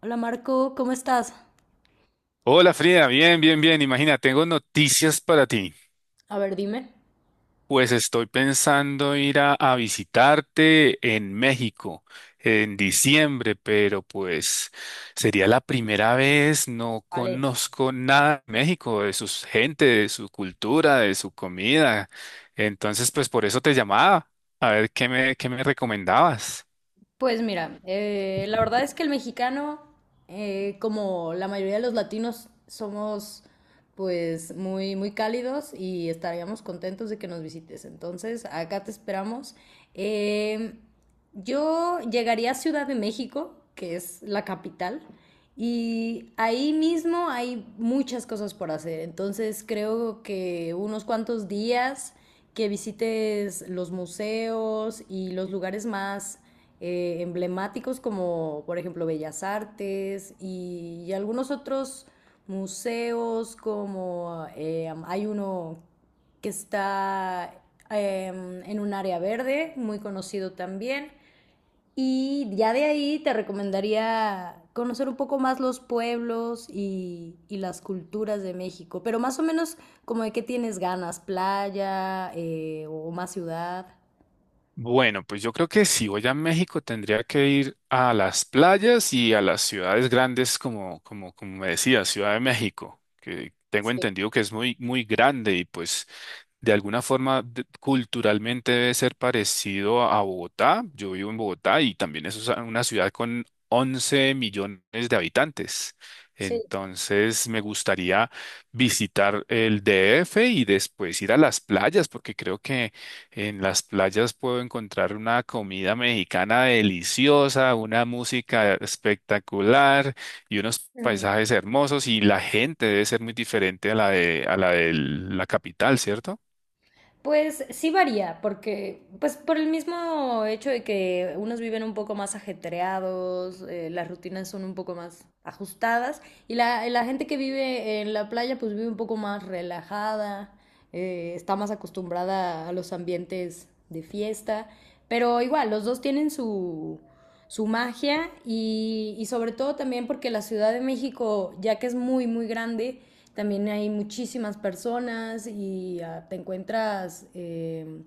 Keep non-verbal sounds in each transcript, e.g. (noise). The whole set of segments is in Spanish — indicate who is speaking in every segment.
Speaker 1: Hola Marco, ¿cómo estás?
Speaker 2: Hola Frida, bien, bien, bien. Imagina, tengo noticias para ti.
Speaker 1: A ver, dime.
Speaker 2: Pues estoy pensando ir a visitarte en México en diciembre, pero pues sería la primera vez, no
Speaker 1: Vale.
Speaker 2: conozco nada de México, de su gente, de su cultura, de su comida. Entonces, pues por eso te llamaba, a ver qué me recomendabas.
Speaker 1: Pues mira, la verdad es que el mexicano, como la mayoría de los latinos, somos pues muy, muy cálidos y estaríamos contentos de que nos visites. Entonces, acá te esperamos. Eh, yo llegaría a Ciudad de México, que es la capital, y ahí mismo hay muchas cosas por hacer. Entonces, creo que unos cuantos días que visites los museos y los lugares más emblemáticos, como por ejemplo Bellas Artes y algunos otros museos como hay uno que está eh, en un área verde, muy conocido también. Y ya de ahí te recomendaría conocer un poco más los pueblos y las culturas de México, pero más o menos como de qué tienes ganas, playa o más ciudad.
Speaker 2: Bueno, pues yo creo que si voy a México tendría que ir a las playas y a las ciudades grandes como me decía, Ciudad de México, que tengo
Speaker 1: Sí,
Speaker 2: entendido que es muy, muy grande y pues de alguna forma, culturalmente debe ser parecido a Bogotá. Yo vivo en Bogotá y también es una ciudad con 11 millones de habitantes.
Speaker 1: sí.
Speaker 2: Entonces, me gustaría visitar el DF y después ir a las playas, porque creo que en las playas puedo encontrar una comida mexicana deliciosa, una música espectacular y unos
Speaker 1: Ujú.
Speaker 2: paisajes hermosos y la gente debe ser muy diferente a la de la capital, ¿cierto?
Speaker 1: Pues sí varía, porque pues por el mismo hecho de que unos viven un poco más ajetreados, las rutinas son un poco más ajustadas y la gente que vive en la playa pues vive un poco más relajada, está más acostumbrada a los ambientes de fiesta, pero igual los dos tienen su, su magia y sobre todo también porque la Ciudad de México, ya que es muy, muy grande, también hay muchísimas personas y ah, te encuentras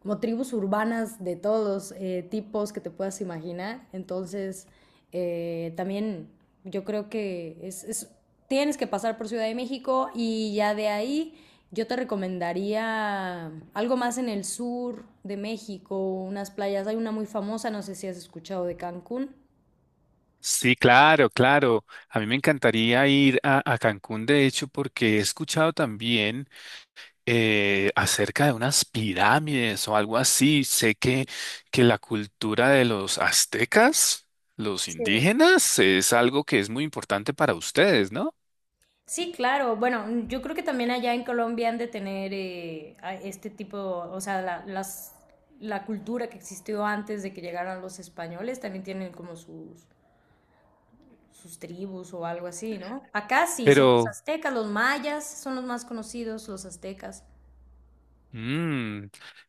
Speaker 1: como tribus urbanas de todos los tipos que te puedas imaginar. Entonces, también yo creo que tienes que pasar por Ciudad de México y ya de ahí yo te recomendaría algo más en el sur de México, unas playas. Hay una muy famosa, no sé si has escuchado de Cancún.
Speaker 2: Sí, claro, claro. A mí me encantaría ir a Cancún, de hecho, porque he escuchado también acerca de unas pirámides o algo así. Sé que la cultura de los aztecas, los
Speaker 1: Sí,
Speaker 2: indígenas, es algo que es muy importante para ustedes, ¿no?
Speaker 1: sí, claro. Bueno, yo creo que también allá en Colombia han de tener este tipo, o sea, la cultura que existió antes de que llegaran los españoles, también tienen como sus, sus tribus o algo así, ¿no? Acá sí, son los
Speaker 2: Pero
Speaker 1: aztecas, los mayas son los más conocidos, los aztecas.
Speaker 2: Mm,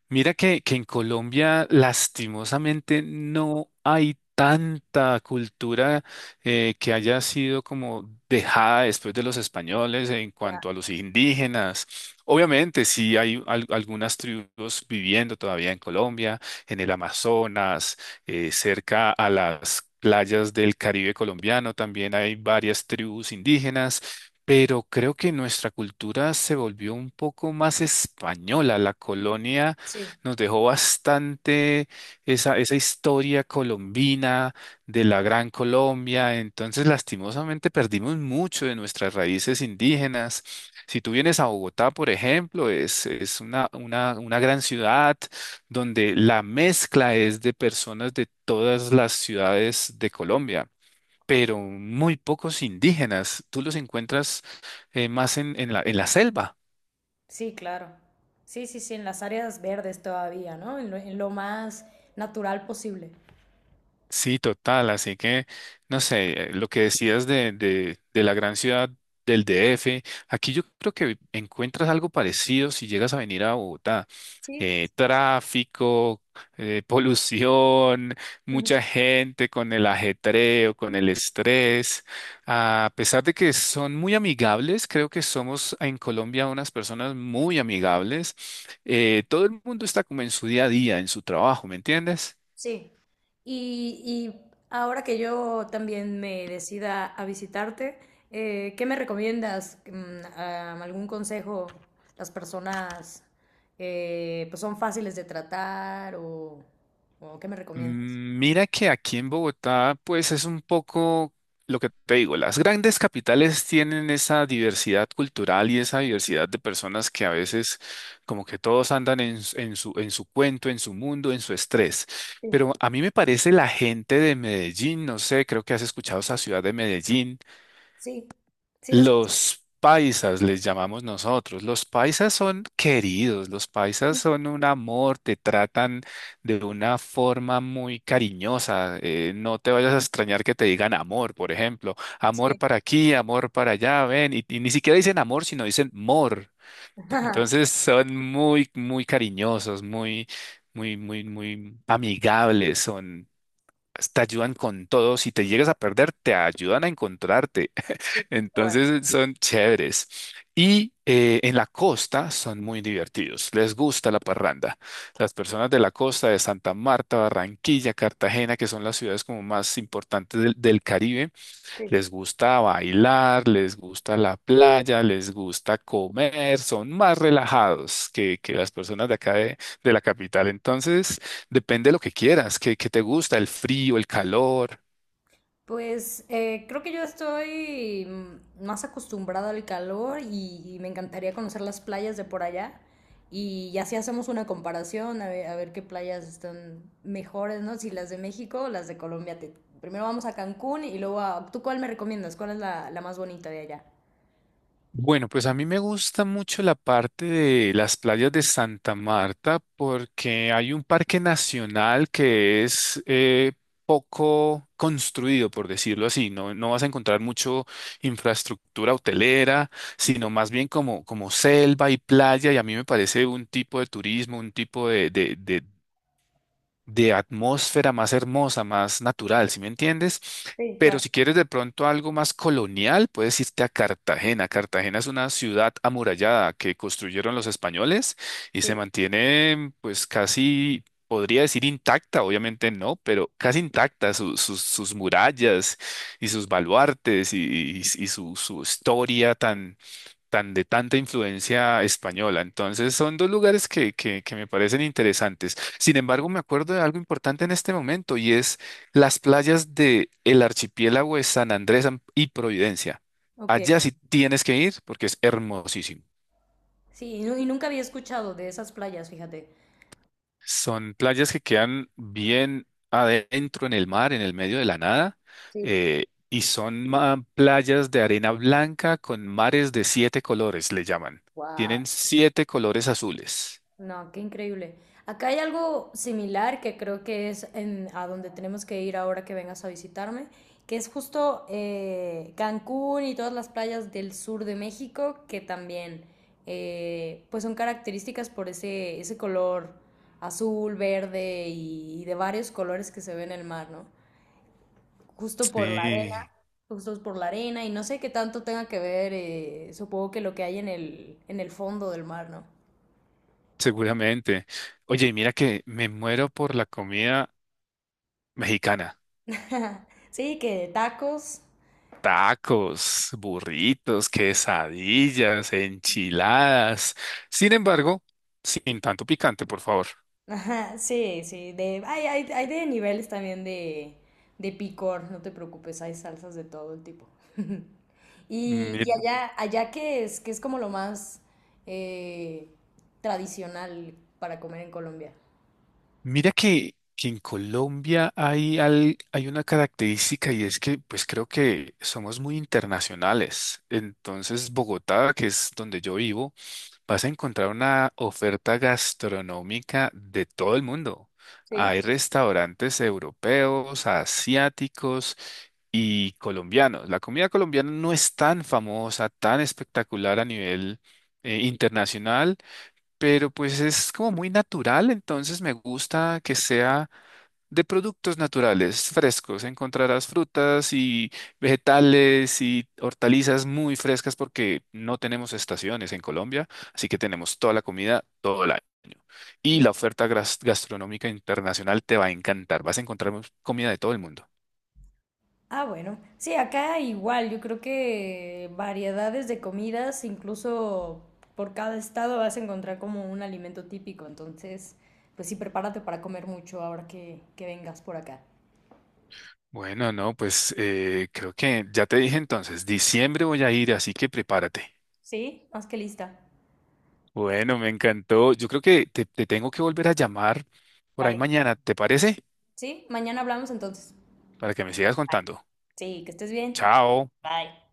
Speaker 2: mira que en Colombia lastimosamente no hay tanta cultura que haya sido como dejada después de los españoles en
Speaker 1: Ya,
Speaker 2: cuanto a los indígenas. Obviamente sí hay algunas tribus viviendo todavía en Colombia, en el Amazonas, cerca a las playas del Caribe colombiano también hay varias tribus indígenas pero creo que nuestra cultura se volvió un poco más española. La colonia
Speaker 1: sí.
Speaker 2: nos dejó bastante esa historia colombina de la Gran Colombia. Entonces, lastimosamente, perdimos mucho de nuestras raíces indígenas. Si tú vienes a Bogotá, por ejemplo, es una gran ciudad donde la mezcla es de personas de todas las ciudades de Colombia pero muy pocos indígenas. Tú los encuentras más en la selva.
Speaker 1: Sí, claro. Sí, sí, sí, en las áreas verdes todavía, ¿no? En lo más natural posible.
Speaker 2: Sí, total. Así que, no sé, lo que decías de la gran ciudad del DF, aquí yo creo que encuentras algo parecido si llegas a venir a Bogotá.
Speaker 1: Sí.
Speaker 2: Tráfico, (laughs) polución, mucha
Speaker 1: (laughs)
Speaker 2: gente con el ajetreo, con el estrés. A pesar de que son muy amigables, creo que somos en Colombia unas personas muy amigables. Todo el mundo está como en su día a día, en su trabajo, ¿me entiendes?
Speaker 1: Sí, y ahora que yo también me decida a visitarte, ¿qué me recomiendas? Mm, ah, ¿algún consejo? Las personas pues son fáciles de tratar o ¿qué me recomiendas?
Speaker 2: Mira que aquí en Bogotá, pues es un poco lo que te digo, las grandes capitales tienen esa diversidad cultural y esa diversidad de personas que a veces como que todos andan en su cuento, en su mundo, en su estrés.
Speaker 1: Sí,
Speaker 2: Pero a mí me parece la gente de Medellín, no sé, creo que has escuchado esa ciudad de Medellín.
Speaker 1: sí, sí, las.
Speaker 2: Los paisas les llamamos nosotros. Los paisas son queridos, los paisas son un amor, te tratan de una forma muy cariñosa. No te vayas a extrañar que te digan amor, por ejemplo. Amor
Speaker 1: Sí,
Speaker 2: para aquí, amor para allá, ven. Y ni siquiera dicen amor, sino dicen mor.
Speaker 1: (laughs) ajá.
Speaker 2: Entonces son muy, muy cariñosos, muy, muy, muy, muy amigables, son, te ayudan con todo. Si te llegas a perder, te ayudan a encontrarte.
Speaker 1: Qué bueno.
Speaker 2: Entonces son chéveres. Y en la costa son muy divertidos, les gusta la parranda. Las personas de la costa de Santa Marta, Barranquilla, Cartagena, que son las ciudades como más importantes del Caribe, les gusta bailar, les gusta la playa, les gusta comer, son más relajados que las personas de acá de la capital. Entonces, depende de lo que quieras, que te gusta, el frío, el calor.
Speaker 1: Pues creo que yo estoy mm, más acostumbrada al calor y me encantaría conocer las playas de por allá. Y así hacemos una comparación a ver qué playas están mejores, ¿no? Si las de México o las de Colombia. Te- primero vamos a Cancún y luego a... ¿Tú cuál me recomiendas? ¿Cuál es la más bonita de allá?
Speaker 2: Bueno, pues a mí me gusta mucho la parte de las playas de Santa Marta porque hay un parque nacional que es poco construido, por decirlo así. No, no vas a encontrar mucho infraestructura hotelera, sino más bien como selva y playa. Y a mí me parece un tipo de turismo, un tipo de atmósfera más hermosa, más natural, ¿si me entiendes?
Speaker 1: Sí,
Speaker 2: Pero
Speaker 1: claro,
Speaker 2: si quieres de pronto algo más colonial, puedes irte a Cartagena. Cartagena es una ciudad amurallada que construyeron los españoles y se
Speaker 1: sí.
Speaker 2: mantiene pues casi, podría decir intacta, obviamente no, pero casi intacta sus murallas y sus baluartes y su historia tan de tanta influencia española. Entonces, son dos lugares que me parecen interesantes. Sin embargo, me acuerdo de algo importante en este momento y es las playas de el archipiélago de San Andrés y Providencia.
Speaker 1: Ok.
Speaker 2: Allá sí tienes que ir porque es hermosísimo.
Speaker 1: Sí, y, nu- y nunca había escuchado de esas playas, fíjate.
Speaker 2: Son playas que quedan bien adentro en el mar, en el medio de la nada,
Speaker 1: Sí.
Speaker 2: y son playas de arena blanca con mares de siete colores, le llaman.
Speaker 1: Wow.
Speaker 2: Tienen siete colores azules.
Speaker 1: No, qué increíble. Acá hay algo similar, que creo que es en, a donde tenemos que ir ahora que vengas a visitarme, que es justo Cancún y todas las playas del sur de México, que también pues son características por ese, ese color azul, verde y de varios colores que se ve en el mar, ¿no? Justo por la arena,
Speaker 2: Sí,
Speaker 1: justo por la arena, y no sé qué tanto tenga que ver, supongo que lo que hay en el fondo del mar, ¿no?
Speaker 2: seguramente. Oye, mira que me muero por la comida mexicana.
Speaker 1: (laughs) Sí, que tacos.
Speaker 2: Tacos, burritos, quesadillas, enchiladas. Sin embargo, sin tanto picante, por favor.
Speaker 1: (laughs) Ajá, sí, sí. De, hay de niveles también de picor, no te preocupes, hay salsas de todo el tipo. (laughs) Y, y
Speaker 2: Mira,
Speaker 1: allá, allá que es como lo más eh, tradicional para comer en Colombia.
Speaker 2: mira que en Colombia hay una característica y es que pues creo que somos muy internacionales. Entonces, Bogotá, que es donde yo vivo, vas a encontrar una oferta gastronómica de todo el mundo.
Speaker 1: Sí.
Speaker 2: Hay restaurantes europeos, asiáticos y colombianos. La comida colombiana no es tan famosa, tan espectacular a nivel internacional, pero pues es como muy natural, entonces me gusta que sea de productos naturales frescos. Encontrarás frutas y vegetales y hortalizas muy frescas porque no tenemos estaciones en Colombia, así que tenemos toda la comida todo el año. Y la oferta gastronómica internacional te va a encantar. Vas a encontrar comida de todo el mundo.
Speaker 1: Ah, bueno. Sí, acá igual, yo creo que variedades de comidas, incluso por cada estado vas a encontrar como un alimento típico, entonces, pues sí, prepárate para comer mucho ahora que vengas por acá.
Speaker 2: Bueno, no, pues creo que ya te dije entonces, diciembre voy a ir, así que prepárate.
Speaker 1: Sí, más que lista.
Speaker 2: Bueno, me encantó. Yo creo que te tengo que volver a llamar por ahí
Speaker 1: Vale,
Speaker 2: mañana, ¿te parece?
Speaker 1: sí, mañana hablamos entonces.
Speaker 2: Para que me sigas
Speaker 1: Bye.
Speaker 2: contando.
Speaker 1: Sí, que estés bien.
Speaker 2: Chao.
Speaker 1: Bye.